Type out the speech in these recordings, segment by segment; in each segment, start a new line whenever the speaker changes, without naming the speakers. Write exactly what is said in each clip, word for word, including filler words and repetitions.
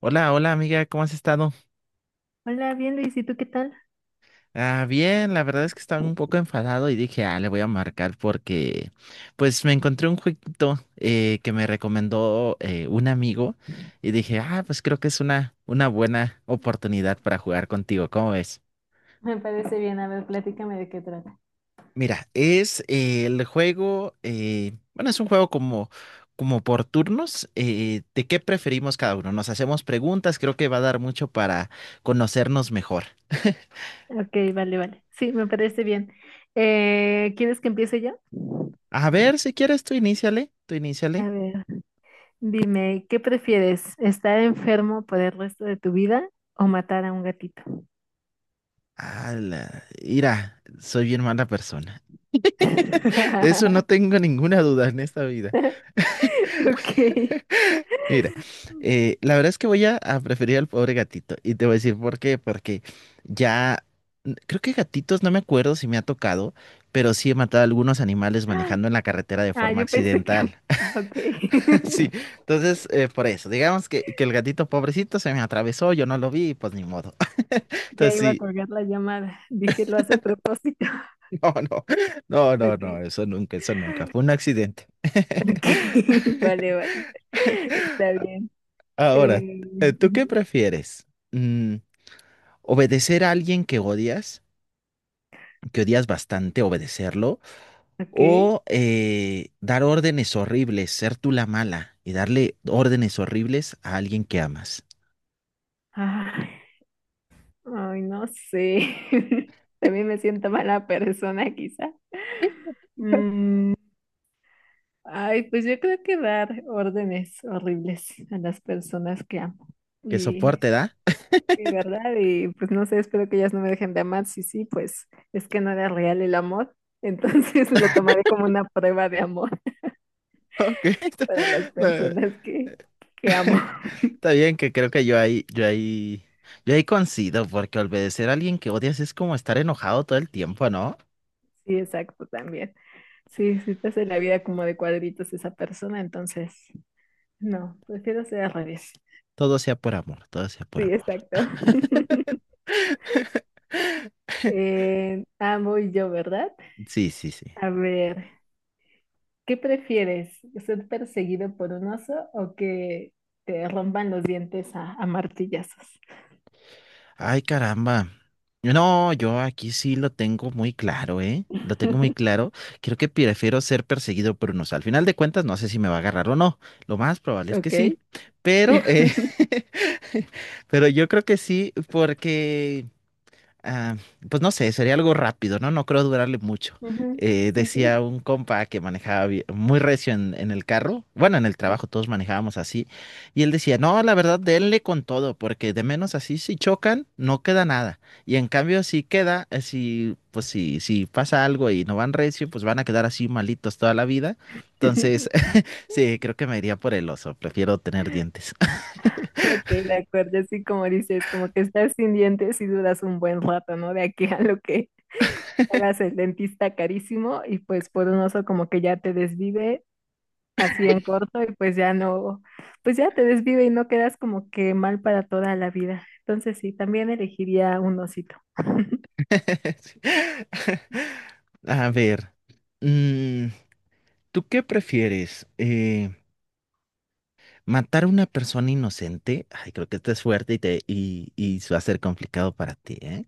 Hola, hola amiga, ¿cómo has estado?
Hola, bien Luis, ¿y tú qué tal?
Ah, bien, la verdad es que estaba un poco enfadado y dije, ah, le voy a marcar porque pues me encontré un jueguito eh, que me recomendó eh, un amigo y dije, ah, pues creo que es una, una buena oportunidad para jugar contigo, ¿cómo ves?
Me parece bien, a ver, plática.
Mira, es eh, el juego, eh, bueno, es un juego como, como por turnos, eh, ¿de qué preferimos cada uno? Nos hacemos preguntas, creo que va a dar mucho para conocernos mejor.
Ok, vale, vale. Sí, me parece bien. Eh, ¿quieres que empiece yo?
A ver, si quieres, tú iníciale, tú iníciale.
A ver, dime, ¿qué prefieres? ¿Estar enfermo por el resto de tu vida o matar a un gatito?
Ala, mira, soy bien mala persona. De eso no tengo ninguna duda en esta vida.
Ok.
Mira, eh, la verdad es que voy a, a preferir al pobre gatito. Y te voy a decir por qué. Porque ya, n- creo que gatitos, no me acuerdo si me ha tocado, pero sí he matado a algunos animales manejando en la carretera de
Ah,
forma
yo pensé que...
accidental. Sí,
Ok.
entonces, eh, por eso, digamos que, que el gatito pobrecito se me atravesó, yo no lo vi, y pues ni modo.
Ya
Entonces
iba a
sí,
colgar la llamada. Dije, lo hace a propósito.
no, no, no, no,
Ok.
no, eso nunca, eso nunca. Fue un accidente.
Ok. Vale, vale. Está bien.
Ahora,
Eh,
eh, ¿tú qué
ujú.
prefieres? Mm, ¿obedecer a alguien que odias, que odias bastante, obedecerlo?
Ok.
¿O eh, dar órdenes horribles, ser tú la mala y darle órdenes horribles a alguien que amas?
Ah, ay, no sé. También me siento mala persona, quizá. Mm, ay, pues yo creo que dar órdenes horribles a las personas que amo.
¿Qué
Y,
soporte da?
y verdad, y pues no sé, espero que ellas no me dejen de amar. Sí, sí, pues es que no era real el amor. Entonces lo tomaré como una prueba de amor
Ok, está,
para las
no,
personas que, que amo.
está bien que creo que yo ahí, yo ahí, yo ahí coincido, porque obedecer a alguien que odias es como estar enojado todo el tiempo, ¿no?
Sí, exacto, también. Sí, si te hace la vida como de cuadritos esa persona, entonces no, prefiero ser al revés.
Todo sea por amor, todo sea
Sí,
por amor.
exacto. Eh, ah, voy yo, ¿verdad?
Sí, sí, sí.
A ver, ¿qué prefieres? ¿Ser perseguido por un oso o que te rompan los dientes a, a martillazos?
Ay, caramba. No, yo aquí sí lo tengo muy claro, ¿eh? Lo tengo muy claro. Creo que prefiero ser perseguido por unos. Al final de cuentas, no sé si me va a agarrar o no. Lo más probable es que sí.
Ok.
Pero, eh, pero yo creo que sí, porque ah, pues no sé, sería algo rápido, ¿no? No creo durarle mucho.
Ujú.
Eh,
Sí, sí.
decía un compa que manejaba bi- muy recio en, en el carro, bueno, en el trabajo todos manejábamos así, y él decía, no, la verdad, denle con todo, porque de menos así si chocan, no queda nada. Y en cambio, si queda, eh, si, pues si, si pasa algo y no van recio, pues van a quedar así malitos toda la vida. Entonces, sí, creo que me iría por el oso, prefiero tener dientes.
Ok, de acuerdo, así como dices, como que estás sin dientes y dudas un buen rato, ¿no? De aquí a lo que hagas el dentista carísimo y pues por un oso como que ya te desvive así en corto y pues ya no, pues ya te desvive y no quedas como que mal para toda la vida. Entonces sí, también elegiría un osito.
Sí. A ver. mm, ¿Tú qué prefieres? Eh, ¿matar a una persona inocente? Ay, creo que esto es fuerte y, te, y, y va a ser complicado para ti, ¿eh?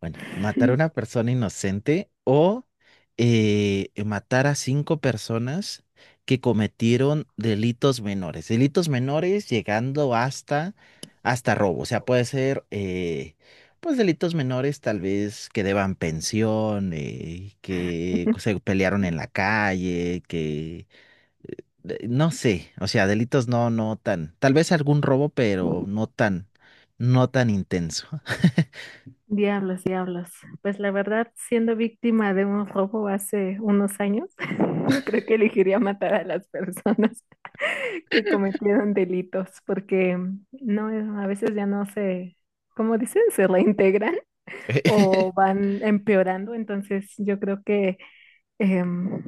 Bueno, ¿matar a una persona inocente o eh, matar a cinco personas que cometieron delitos menores? Delitos menores llegando hasta, hasta robo. O sea, puede ser, eh, pues, delitos menores tal vez que deban pensión, eh, que se pelearon en la calle, que eh, eh, no sé, o sea, delitos no, no tan, tal vez algún robo, pero no tan, no tan intenso.
Diablos, diablos. Pues la verdad, siendo víctima de un robo hace unos años, creo que elegiría matar a las personas que cometieron delitos, porque mm, no, a veces ya no se, como dicen, se reintegran o van empeorando. Entonces yo creo que, em,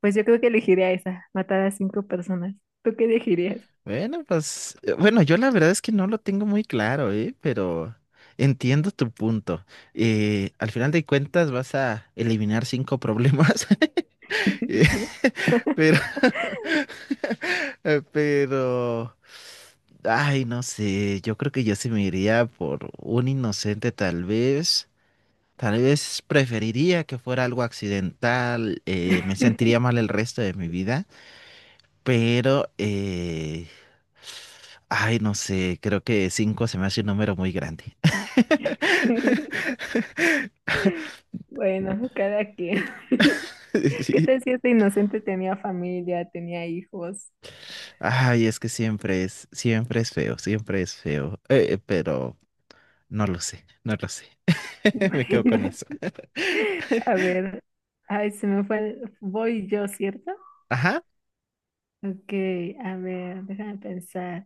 pues yo creo que elegiría esa, matar a cinco personas. ¿Tú qué elegirías?
Bueno, pues, eh, bueno, yo la verdad es que no lo tengo muy claro, ¿eh? Pero entiendo tu punto. Eh, al final de cuentas vas a eliminar cinco problemas, Eh,
Sí.
pero, eh, pero, ay, no sé, yo creo que yo se me iría por un inocente tal vez. Tal vez preferiría que fuera algo accidental, eh, me sentiría mal el resto de mi vida, pero, eh, ay, no sé, creo que cinco se me hace un número muy grande.
Bueno, cada quien. ¿Qué
Sí.
tal si este inocente tenía familia, tenía hijos?
Ay, es que siempre es, siempre es feo, siempre es feo, eh, pero no lo sé, no lo sé. Me quedo con
Bueno,
eso.
a ver. Ay, se me fue. el- Voy yo, ¿cierto?
Ajá.
Ok, a ver, déjame pensar.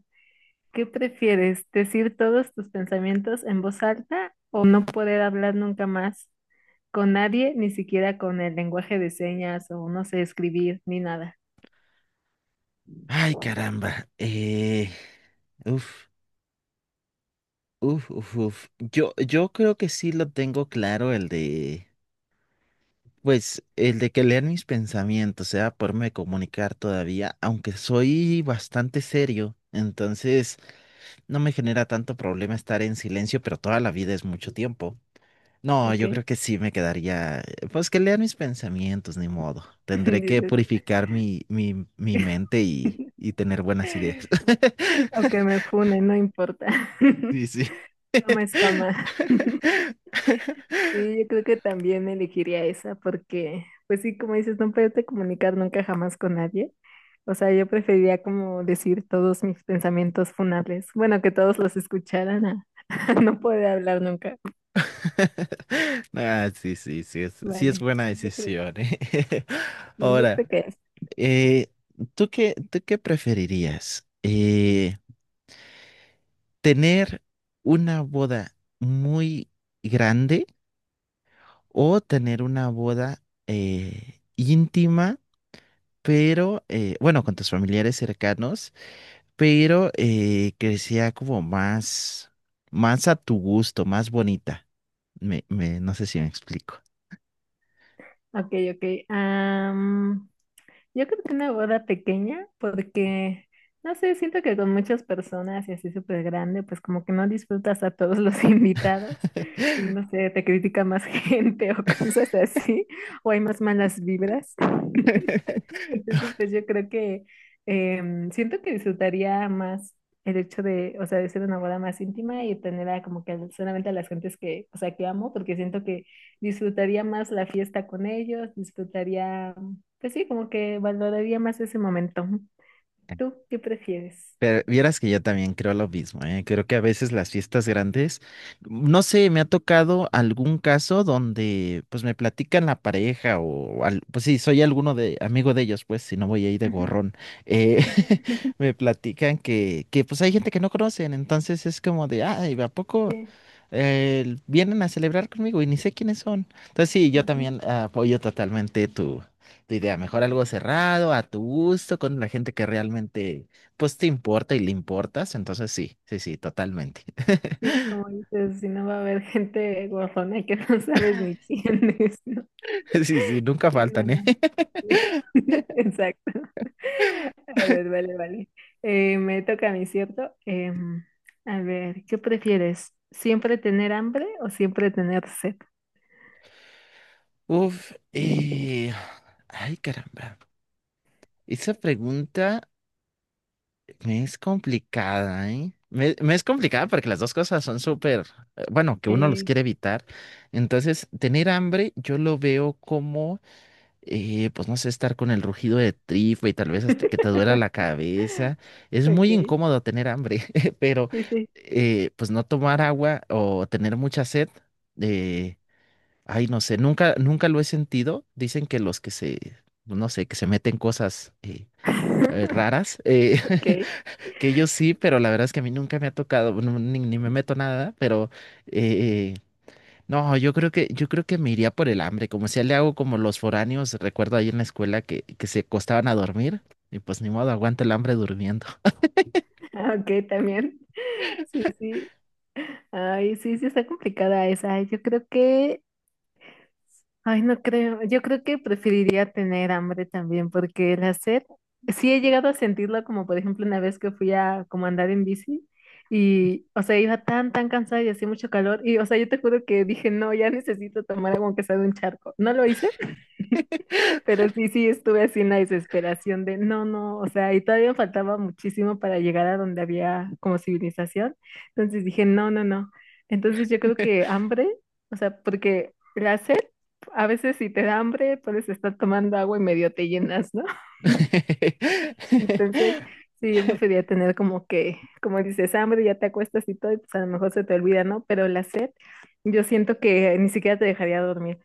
¿Qué prefieres? ¿Decir todos tus pensamientos en voz alta o no poder hablar nunca más con nadie, ni siquiera con el lenguaje de señas o no sé escribir ni nada?
Ay, caramba. Eh, uf, uf, uf, uf. Yo, yo creo que sí lo tengo claro el de... Pues el de que lean mis pensamientos, sea poderme comunicar todavía, aunque soy bastante serio, entonces no me genera tanto problema estar en silencio, pero toda la vida es mucho tiempo. No,
¿Ok?
yo creo que sí me quedaría, eh, pues que lean mis pensamientos, ni modo. Tendré que
Dices,
purificar mi, mi, mi mente y, y tener buenas ideas.
o me fune, no importa.
Sí, sí.
Fama es fama. Sí, yo creo que también elegiría esa porque, pues sí, como dices, no poderte comunicar nunca jamás con nadie. O sea, yo preferiría como decir todos mis pensamientos funables. Bueno, que todos los escucharan a, a no poder hablar nunca.
Ah, sí, sí, sí, es, sí es
Vale,
buena
sí, yo creo,
decisión, ¿eh?
sí, yo
Ahora.
creo que es.
Eh, ¿tú qué, tú qué preferirías? Eh, ¿tener una boda muy grande o tener una boda eh, íntima, pero, eh, bueno, con tus familiares cercanos, pero eh, que sea como más, más a tu gusto, más bonita? Me, me, no sé si me explico.
Ok, ok. Am, yo creo que una boda pequeña, porque, no sé, siento que con muchas personas y así súper grande, pues como que no disfrutas a todos los invitados y no sé, te critica más gente o cosas así, o hay más malas vibras. Entonces, pues yo creo que em, siento que disfrutaría más el hecho de, o sea, de ser una boda más íntima y tener a como que a- solamente a las gentes que, o sea, que amo, porque siento que disfrutaría más la fiesta con ellos, disfrutaría, pues sí, como que valoraría más ese momento. ¿Tú qué prefieres?
Pero vieras que yo también creo lo mismo, ¿eh? Creo que a veces las fiestas grandes, no sé, me ha tocado algún caso donde pues me platican la pareja o al- pues sí, soy alguno de amigo de ellos, pues si no voy ahí de
Ujú,
gorrón, eh,
ujú.
me platican que, que pues hay gente que no conocen, entonces es como de, ay, ¿a poco?
Sí,
eh, vienen a celebrar conmigo y ni sé quiénes son. Entonces sí, yo
ujú.
también ah, apoyo totalmente tu, tu idea. Mejor algo cerrado, a tu gusto, con la gente que realmente pues te importa y le importas. Entonces sí, sí, sí, totalmente.
Sí, como dices, si no va a haber gente guapona que no sabes ni quién es, ¿no?
Sí, sí, nunca
Sí, no,
faltan, ¿eh?
no. Exacto. A ver, vale, vale. Eh, me toca a mí, ¿cierto? Em, a ver, ¿qué prefieres? ¿Siempre tener hambre o siempre tener sed?
Uf, eh, ay caramba. Esa pregunta... Me es complicada, ¿eh? Me, me es complicada porque las dos cosas son súper, eh, bueno, que uno los
Eh,
quiere evitar. Entonces, tener hambre yo lo veo como, eh, pues no sé, estar con el rugido de tripa y tal vez hasta que te duela la cabeza. Es
ok,
muy incómodo tener hambre, pero
sí, sí.
eh, pues no tomar agua o tener mucha sed, eh, ay, no sé, nunca, nunca lo he sentido. Dicen que los que se, no sé, que se meten cosas eh, eh, raras. eh,
Ok,
Que yo sí, pero la verdad es que a mí nunca me ha tocado, no, ni, ni me meto nada, pero eh, no, yo creo que, yo creo que me iría por el hambre, como si le hago como los foráneos, recuerdo ahí en la escuela que, que se acostaban a dormir, y pues ni modo, aguanta el hambre durmiendo.
ah, ok, también. Sí, sí. Ay, sí, sí, está complicada esa. Yo creo que ay, no creo. Yo creo que preferiría tener hambre también, porque el hacer, sí he llegado a sentirlo, como por ejemplo una vez que fui a como andar en bici y, o sea, iba tan, tan cansada y hacía mucho calor y, o sea, yo te juro que dije, no, ya necesito tomar agua aunque sea de un charco. No lo hice. Pero sí, sí, estuve así en la desesperación de no, no, o sea, y todavía faltaba muchísimo para llegar a donde había como civilización. Entonces dije, no, no, no. Entonces yo creo que hambre, o sea, porque la sed, a veces si te da hambre, puedes estar tomando agua y medio te llenas, ¿no? Entonces, sí, yo prefería tener como que, como dices, hambre, ya te acuestas y todo, y pues a lo mejor se te olvida, ¿no? Pero la sed, yo siento que ni siquiera te dejaría dormir.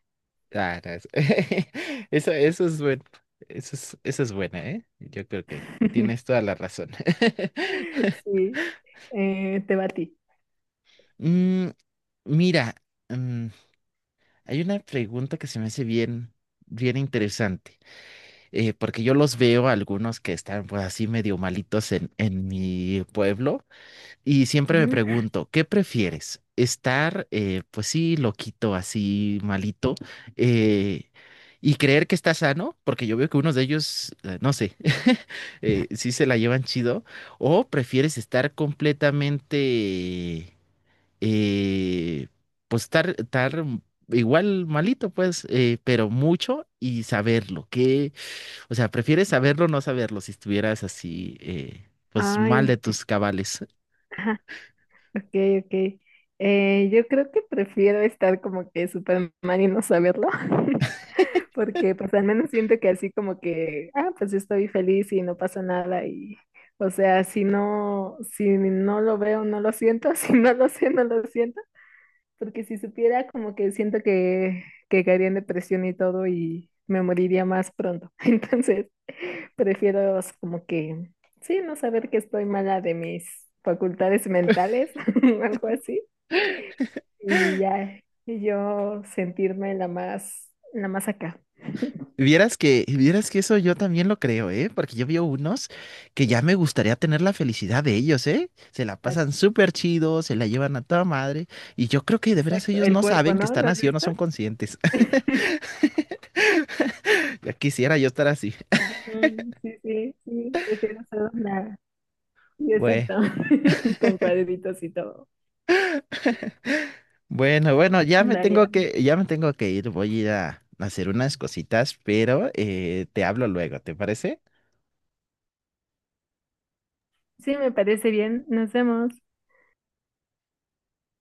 Ah, no, es- Eso, eso es bueno, eso es, eso es buena, ¿eh? Yo creo que tienes toda la razón.
Sí, eh, te va a ti.
Mm, mira, mm, hay una pregunta que se me hace bien, bien interesante, eh, porque yo los veo a algunos que están pues así medio malitos en, en mi pueblo y siempre me
Ujú.
pregunto, ¿qué prefieres? ¿Estar eh, pues sí loquito, así malito eh, y creer que está sano? Porque yo veo que unos de ellos, eh, no sé, eh, sí se la llevan chido, o prefieres estar completamente eh, pues estar, estar igual malito, pues, eh, pero mucho y saberlo, que, o sea, prefieres saberlo o no saberlo si estuvieras así, eh, pues mal
Ay,
de tus cabales.
ajá, ok, ok. Eh, yo creo que prefiero estar como que Superman y no saberlo, porque pues al menos siento que así como que, ah, pues yo estoy feliz y no pasa nada y, o sea, si no, si no lo veo, no lo siento, si no lo sé, no lo siento, porque si supiera como que siento que, que caería en depresión y todo y me moriría más pronto. Entonces, prefiero como que, sí, no saber que estoy mala de mis facultades mentales, algo así, y ya y yo sentirme la más, la más acá.
Vieras que, vieras que eso yo también lo creo, ¿eh? Porque yo veo unos que ya me gustaría tener la felicidad de ellos, ¿eh? Se la pasan
Exacto,
súper chido, se la llevan a toda madre, y yo creo que de veras
exacto.
ellos
El
no
cuerpo,
saben que
¿no?
están
¿Lo has
así o no
visto?
son conscientes. Ya quisiera yo estar así.
Ujú. Sí, sí, sí, prefiero ser una. Sí,
Bueno.
exacto, con cuadritos y todo.
Bueno, bueno, ya me
Vale,
tengo
vale.
que, ya me tengo que ir, voy a ir a hacer unas cositas, pero eh, te hablo luego, ¿te parece?
Sí, me parece bien. Nos vemos.